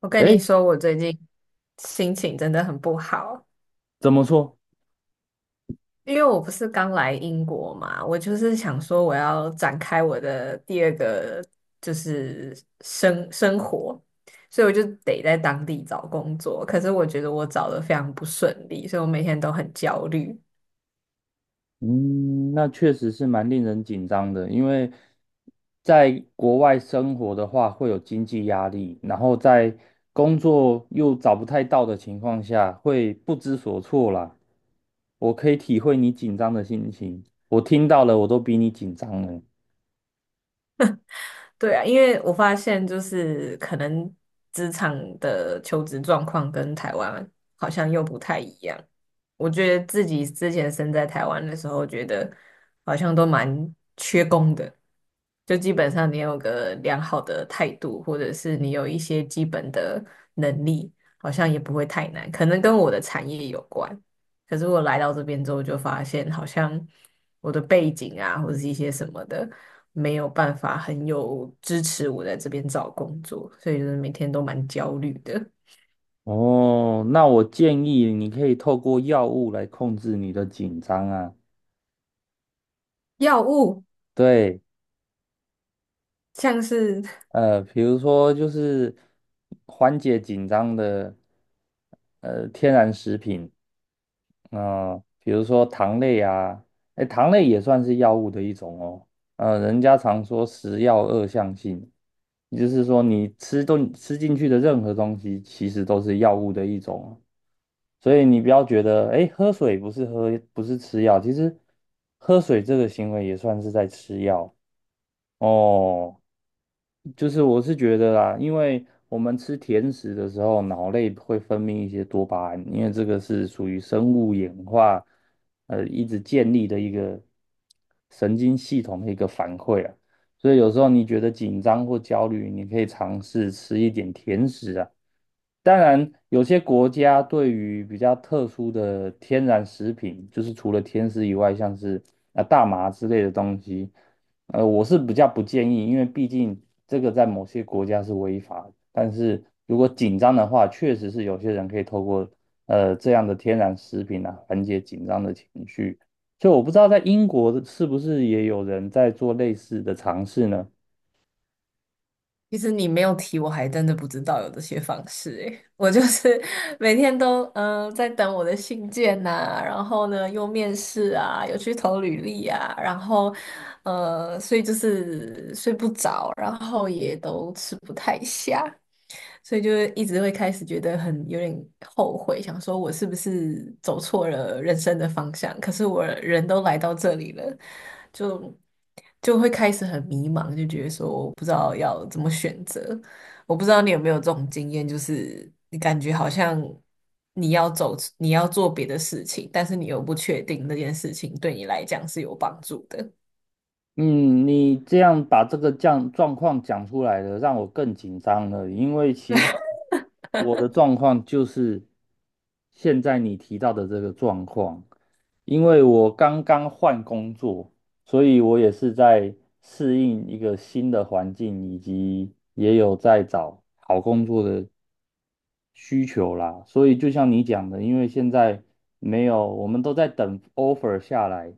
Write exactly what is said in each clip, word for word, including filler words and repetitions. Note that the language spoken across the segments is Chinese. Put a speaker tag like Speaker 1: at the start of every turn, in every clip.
Speaker 1: 我跟
Speaker 2: 哎，
Speaker 1: 你说，我最近心情真的很不好，
Speaker 2: 怎么说？
Speaker 1: 因为我不是刚来英国嘛，我就是想说我要展开我的第二个就是生生活，所以我就得在当地找工作。可是我觉得我找的非常不顺利，所以我每天都很焦虑。
Speaker 2: 嗯，那确实是蛮令人紧张的，因为在国外生活的话，会有经济压力，然后在工作又找不太到的情况下，会不知所措啦。我可以体会你紧张的心情，我听到了，我都比你紧张了。
Speaker 1: 对啊，因为我发现就是可能职场的求职状况跟台湾好像又不太一样。我觉得自己之前身在台湾的时候，觉得好像都蛮缺工的，就基本上你有个良好的态度，或者是你有一些基本的能力，好像也不会太难，可能跟我的产业有关。可是我来到这边之后，就发现好像我的背景啊，或者是一些什么的，没有办法很有支持我在这边找工作，所以就是每天都蛮焦虑的。
Speaker 2: 哦，那我建议你可以透过药物来控制你的紧张啊。
Speaker 1: 药物
Speaker 2: 对。
Speaker 1: 像是
Speaker 2: 呃，比如说就是缓解紧张的呃天然食品，嗯、比如说糖类啊，哎，糖类也算是药物的一种哦。呃，人家常说食药二相性，也就是说你吃东吃进去的任何东西，其实都是药物的一种。所以你不要觉得，哎，喝水不是喝，不是吃药，其实喝水这个行为也算是在吃药哦。就是我是觉得啦，因为我们吃甜食的时候，脑内会分泌一些多巴胺，因为这个是属于生物演化，呃，一直建立的一个神经系统的一个反馈啊。所以有时候你觉得紧张或焦虑，你可以尝试吃一点甜食啊。当然，有些国家对于比较特殊的天然食品，就是除了天丝以外，像是啊大麻之类的东西，呃，我是比较不建议，因为毕竟这个在某些国家是违法的。但是如果紧张的话，确实是有些人可以透过呃这样的天然食品啊缓解紧张的情绪。所以我不知道在英国是不是也有人在做类似的尝试呢？
Speaker 1: 其实你没有提，我还真的不知道有这些方式诶。我就是 每天都嗯、呃在等我的信件呐、然后呢又面试啊，有去投履历啊，然后呃，所以就是睡不着，然后也都吃不太下，所以就一直会开始觉得很有点后悔，想说我是不是走错了人生的方向？可是我人都来到这里了，就。就会开始很迷茫，就觉得说我不知道要怎么选择。我不知道你有没有这种经验，就是你感觉好像你要走，你要做别的事情，但是你又不确定那件事情对你来讲是有帮助的。
Speaker 2: 嗯，你这样把这个状状况讲出来了，让我更紧张了。因为其实我的状况就是现在你提到的这个状况，因为我刚刚换工作，所以我也是在适应一个新的环境，以及也有在找好工作的需求啦，所以就像你讲的，因为现在没有，我们都在等 offer 下来，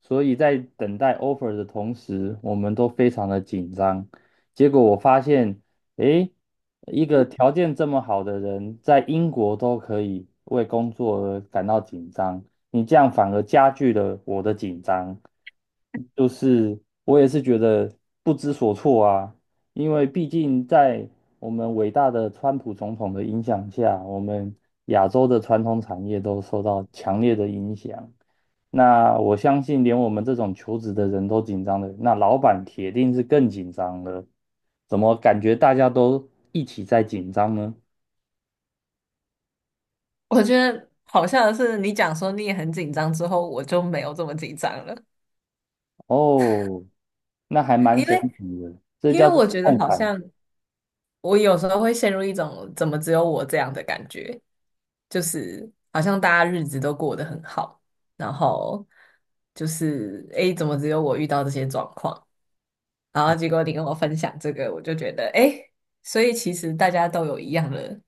Speaker 2: 所以在等待 offer 的同时，我们都非常的紧张。结果我发现，诶，一个条件这么好的人，在英国都可以为工作而感到紧张，你这样反而加剧了我的紧张，就是我也是觉得不知所措啊。因为毕竟在我们伟大的川普总统的影响下，我们亚洲的传统产业都受到强烈的影响。那我相信，连我们这种求职的人都紧张的，那老板铁定是更紧张了。怎么感觉大家都一起在紧张呢？
Speaker 1: 我觉得好像是你讲说你也很紧张之后，我就没有这么紧张了，
Speaker 2: 哦，那还蛮
Speaker 1: 因
Speaker 2: 神
Speaker 1: 为
Speaker 2: 奇的，这
Speaker 1: 因为
Speaker 2: 叫
Speaker 1: 我
Speaker 2: 做
Speaker 1: 觉得
Speaker 2: 共
Speaker 1: 好
Speaker 2: 感。
Speaker 1: 像我有时候会陷入一种怎么只有我这样的感觉，就是好像大家日子都过得很好，然后就是诶，怎么只有我遇到这些状况？然后结果你跟我分享这个，我就觉得诶，所以其实大家都有一样的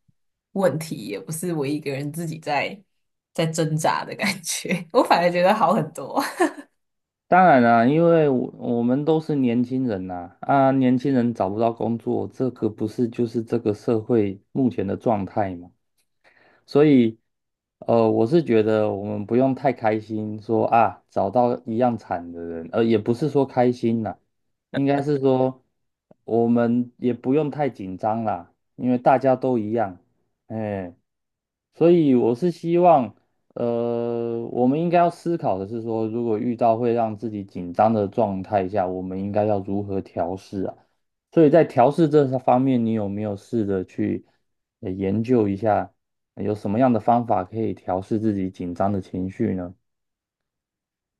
Speaker 1: 问题，也不是我一个人自己在在挣扎的感觉，我反而觉得好很多。
Speaker 2: 当然啦，因为我我们都是年轻人呐，啊，年轻人找不到工作，这个不是就是这个社会目前的状态吗？所以，呃，我是觉得我们不用太开心说，啊找到一样惨的人，呃，也不是说开心啦，应该是说我们也不用太紧张啦，因为大家都一样，哎，所以我是希望，呃，我们应该要思考的是说，如果遇到会让自己紧张的状态下，我们应该要如何调试啊？所以在调试这方面，你有没有试着去呃研究一下？有什么样的方法可以调试自己紧张的情绪呢？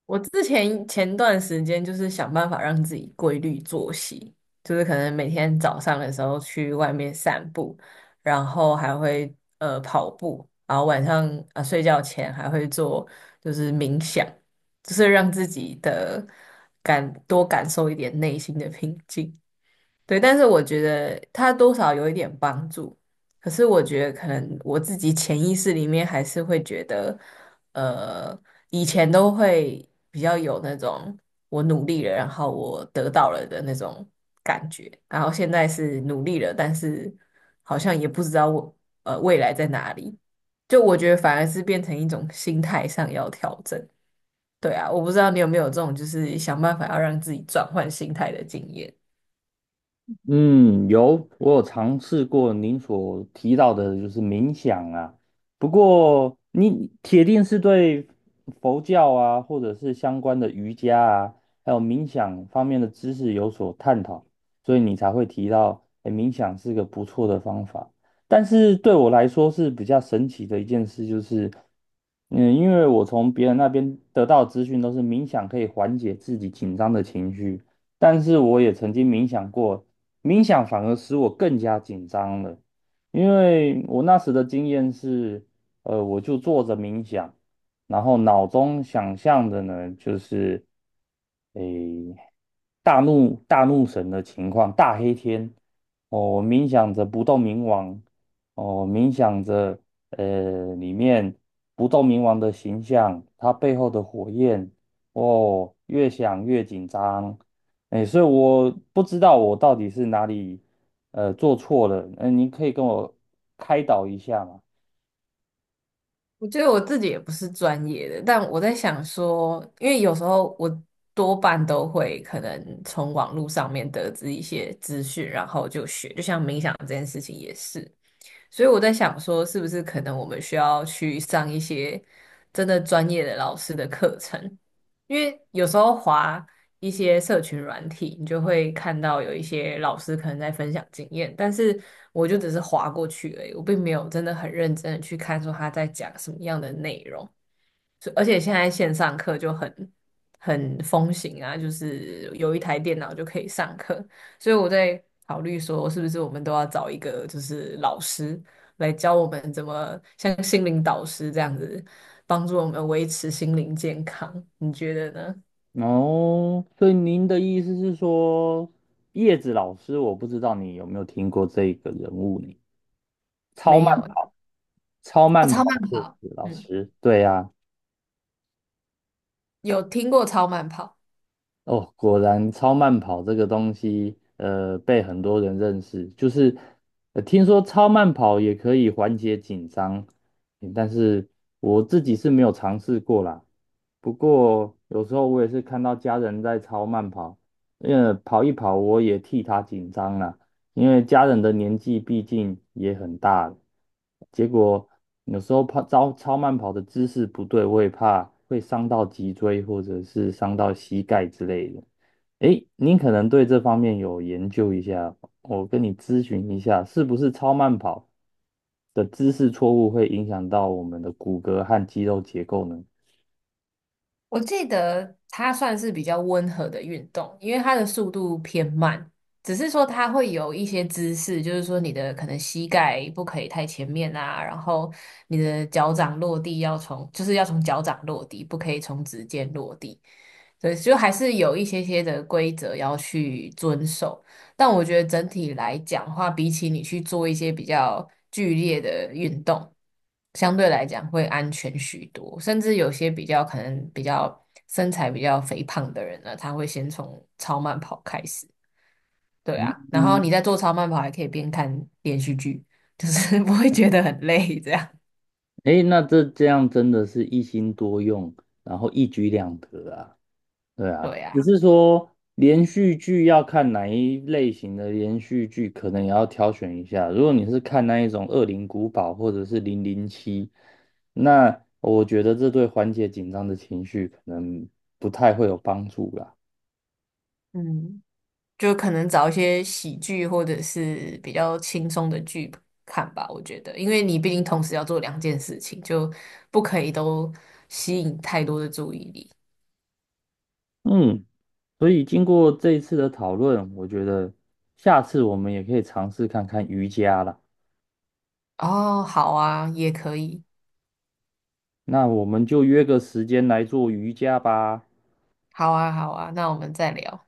Speaker 1: 我之前前段时间就是想办法让自己规律作息，就是可能每天早上的时候去外面散步，然后还会呃跑步，然后晚上啊、呃睡觉前还会做就是冥想，就是让自己的感多感受一点内心的平静。对，但是我觉得它多少有一点帮助，可是我觉得可能我自己潜意识里面还是会觉得，呃，以前都会比较有那种我努力了，然后我得到了的那种感觉，然后现在是努力了，但是好像也不知道我呃未来在哪里，就我觉得反而是变成一种心态上要调整。对啊，我不知道你有没有这种就是想办法要让自己转换心态的经验。
Speaker 2: 嗯，有，我有尝试过您所提到的，就是冥想啊。不过，你铁定是对佛教啊，或者是相关的瑜伽啊，还有冥想方面的知识有所探讨，所以你才会提到，诶冥想是个不错的方法。但是对我来说是比较神奇的一件事，就是，嗯，因为我从别人那边得到的资讯都是冥想可以缓解自己紧张的情绪。但是我也曾经冥想过，冥想反而使我更加紧张了，因为我那时的经验是，呃，我就坐着冥想，然后脑中想象的呢，就是，诶，大怒大怒神的情况，大黑天，哦，我冥想着不动明王，哦，冥想着，呃，里面不动明王的形象，它背后的火焰，哦，越想越紧张。哎，所以我不知道我到底是哪里呃做错了，嗯、您可以跟我开导一下吗？
Speaker 1: 我觉得我自己也不是专业的，但我在想说，因为有时候我多半都会可能从网络上面得知一些资讯，然后就学，就像冥想这件事情也是。所以我在想说，是不是可能我们需要去上一些真的专业的老师的课程？因为有时候划一些社群软体，你就会看到有一些老师可能在分享经验，但是我就只是划过去而已，我并没有真的很认真的去看说他在讲什么样的内容。是而且现在线上课就很很风行啊，就是有一台电脑就可以上课，所以我在考虑说，是不是我们都要找一个就是老师来教我们怎么像心灵导师这样子，帮助我们维持心灵健康，你觉得呢？
Speaker 2: 哦，所以您的意思是说，叶子老师，我不知道你有没有听过这个人物呢？超
Speaker 1: 没
Speaker 2: 慢
Speaker 1: 有，
Speaker 2: 跑，超
Speaker 1: 啊，
Speaker 2: 慢
Speaker 1: 超慢
Speaker 2: 跑叶
Speaker 1: 跑，
Speaker 2: 子老
Speaker 1: 嗯，
Speaker 2: 师，对呀、
Speaker 1: 有听过超慢跑。
Speaker 2: 哦，果然超慢跑这个东西，呃，被很多人认识。就是，呃，听说超慢跑也可以缓解紧张，嗯但是我自己是没有尝试过啦。不过有时候我也是看到家人在超慢跑，因为跑一跑我也替他紧张啦。因为家人的年纪毕竟也很大了，结果有时候跑超超慢跑的姿势不对，我也怕会伤到脊椎或者是伤到膝盖之类的。诶，您可能对这方面有研究一下，我跟你咨询一下，是不是超慢跑的姿势错误会影响到我们的骨骼和肌肉结构呢？
Speaker 1: 我记得它算是比较温和的运动，因为它的速度偏慢，只是说它会有一些姿势，就是说你的可能膝盖不可以太前面啊，然后你的脚掌落地要从，就是要从脚掌落地，不可以从指尖落地。对，就还是有一些些的规则要去遵守，但我觉得整体来讲的话，比起你去做一些比较剧烈的运动，相对来讲会安全许多。甚至有些比较可能比较身材比较肥胖的人呢，他会先从超慢跑开始，对啊，然后
Speaker 2: 嗯，
Speaker 1: 你在做超慢跑还可以边看连续剧，就是 不会觉得很累，这样，
Speaker 2: 诶，那这这样真的是一心多用，然后一举两得啊。对啊，
Speaker 1: 对啊，
Speaker 2: 只是说连续剧要看哪一类型的连续剧，可能也要挑选一下。如果你是看那一种《恶灵古堡》或者是零零七，那我觉得这对缓解紧张的情绪可能不太会有帮助啦。
Speaker 1: 嗯。就可能找一些喜剧或者是比较轻松的剧看吧，我觉得，因为你毕竟同时要做两件事情，就不可以都吸引太多的注意力。
Speaker 2: 嗯，所以经过这一次的讨论，我觉得下次我们也可以尝试看看瑜伽啦。
Speaker 1: 哦，好啊，也可以，
Speaker 2: 那我们就约个时间来做瑜伽吧。
Speaker 1: 好啊，好啊，那我们再聊。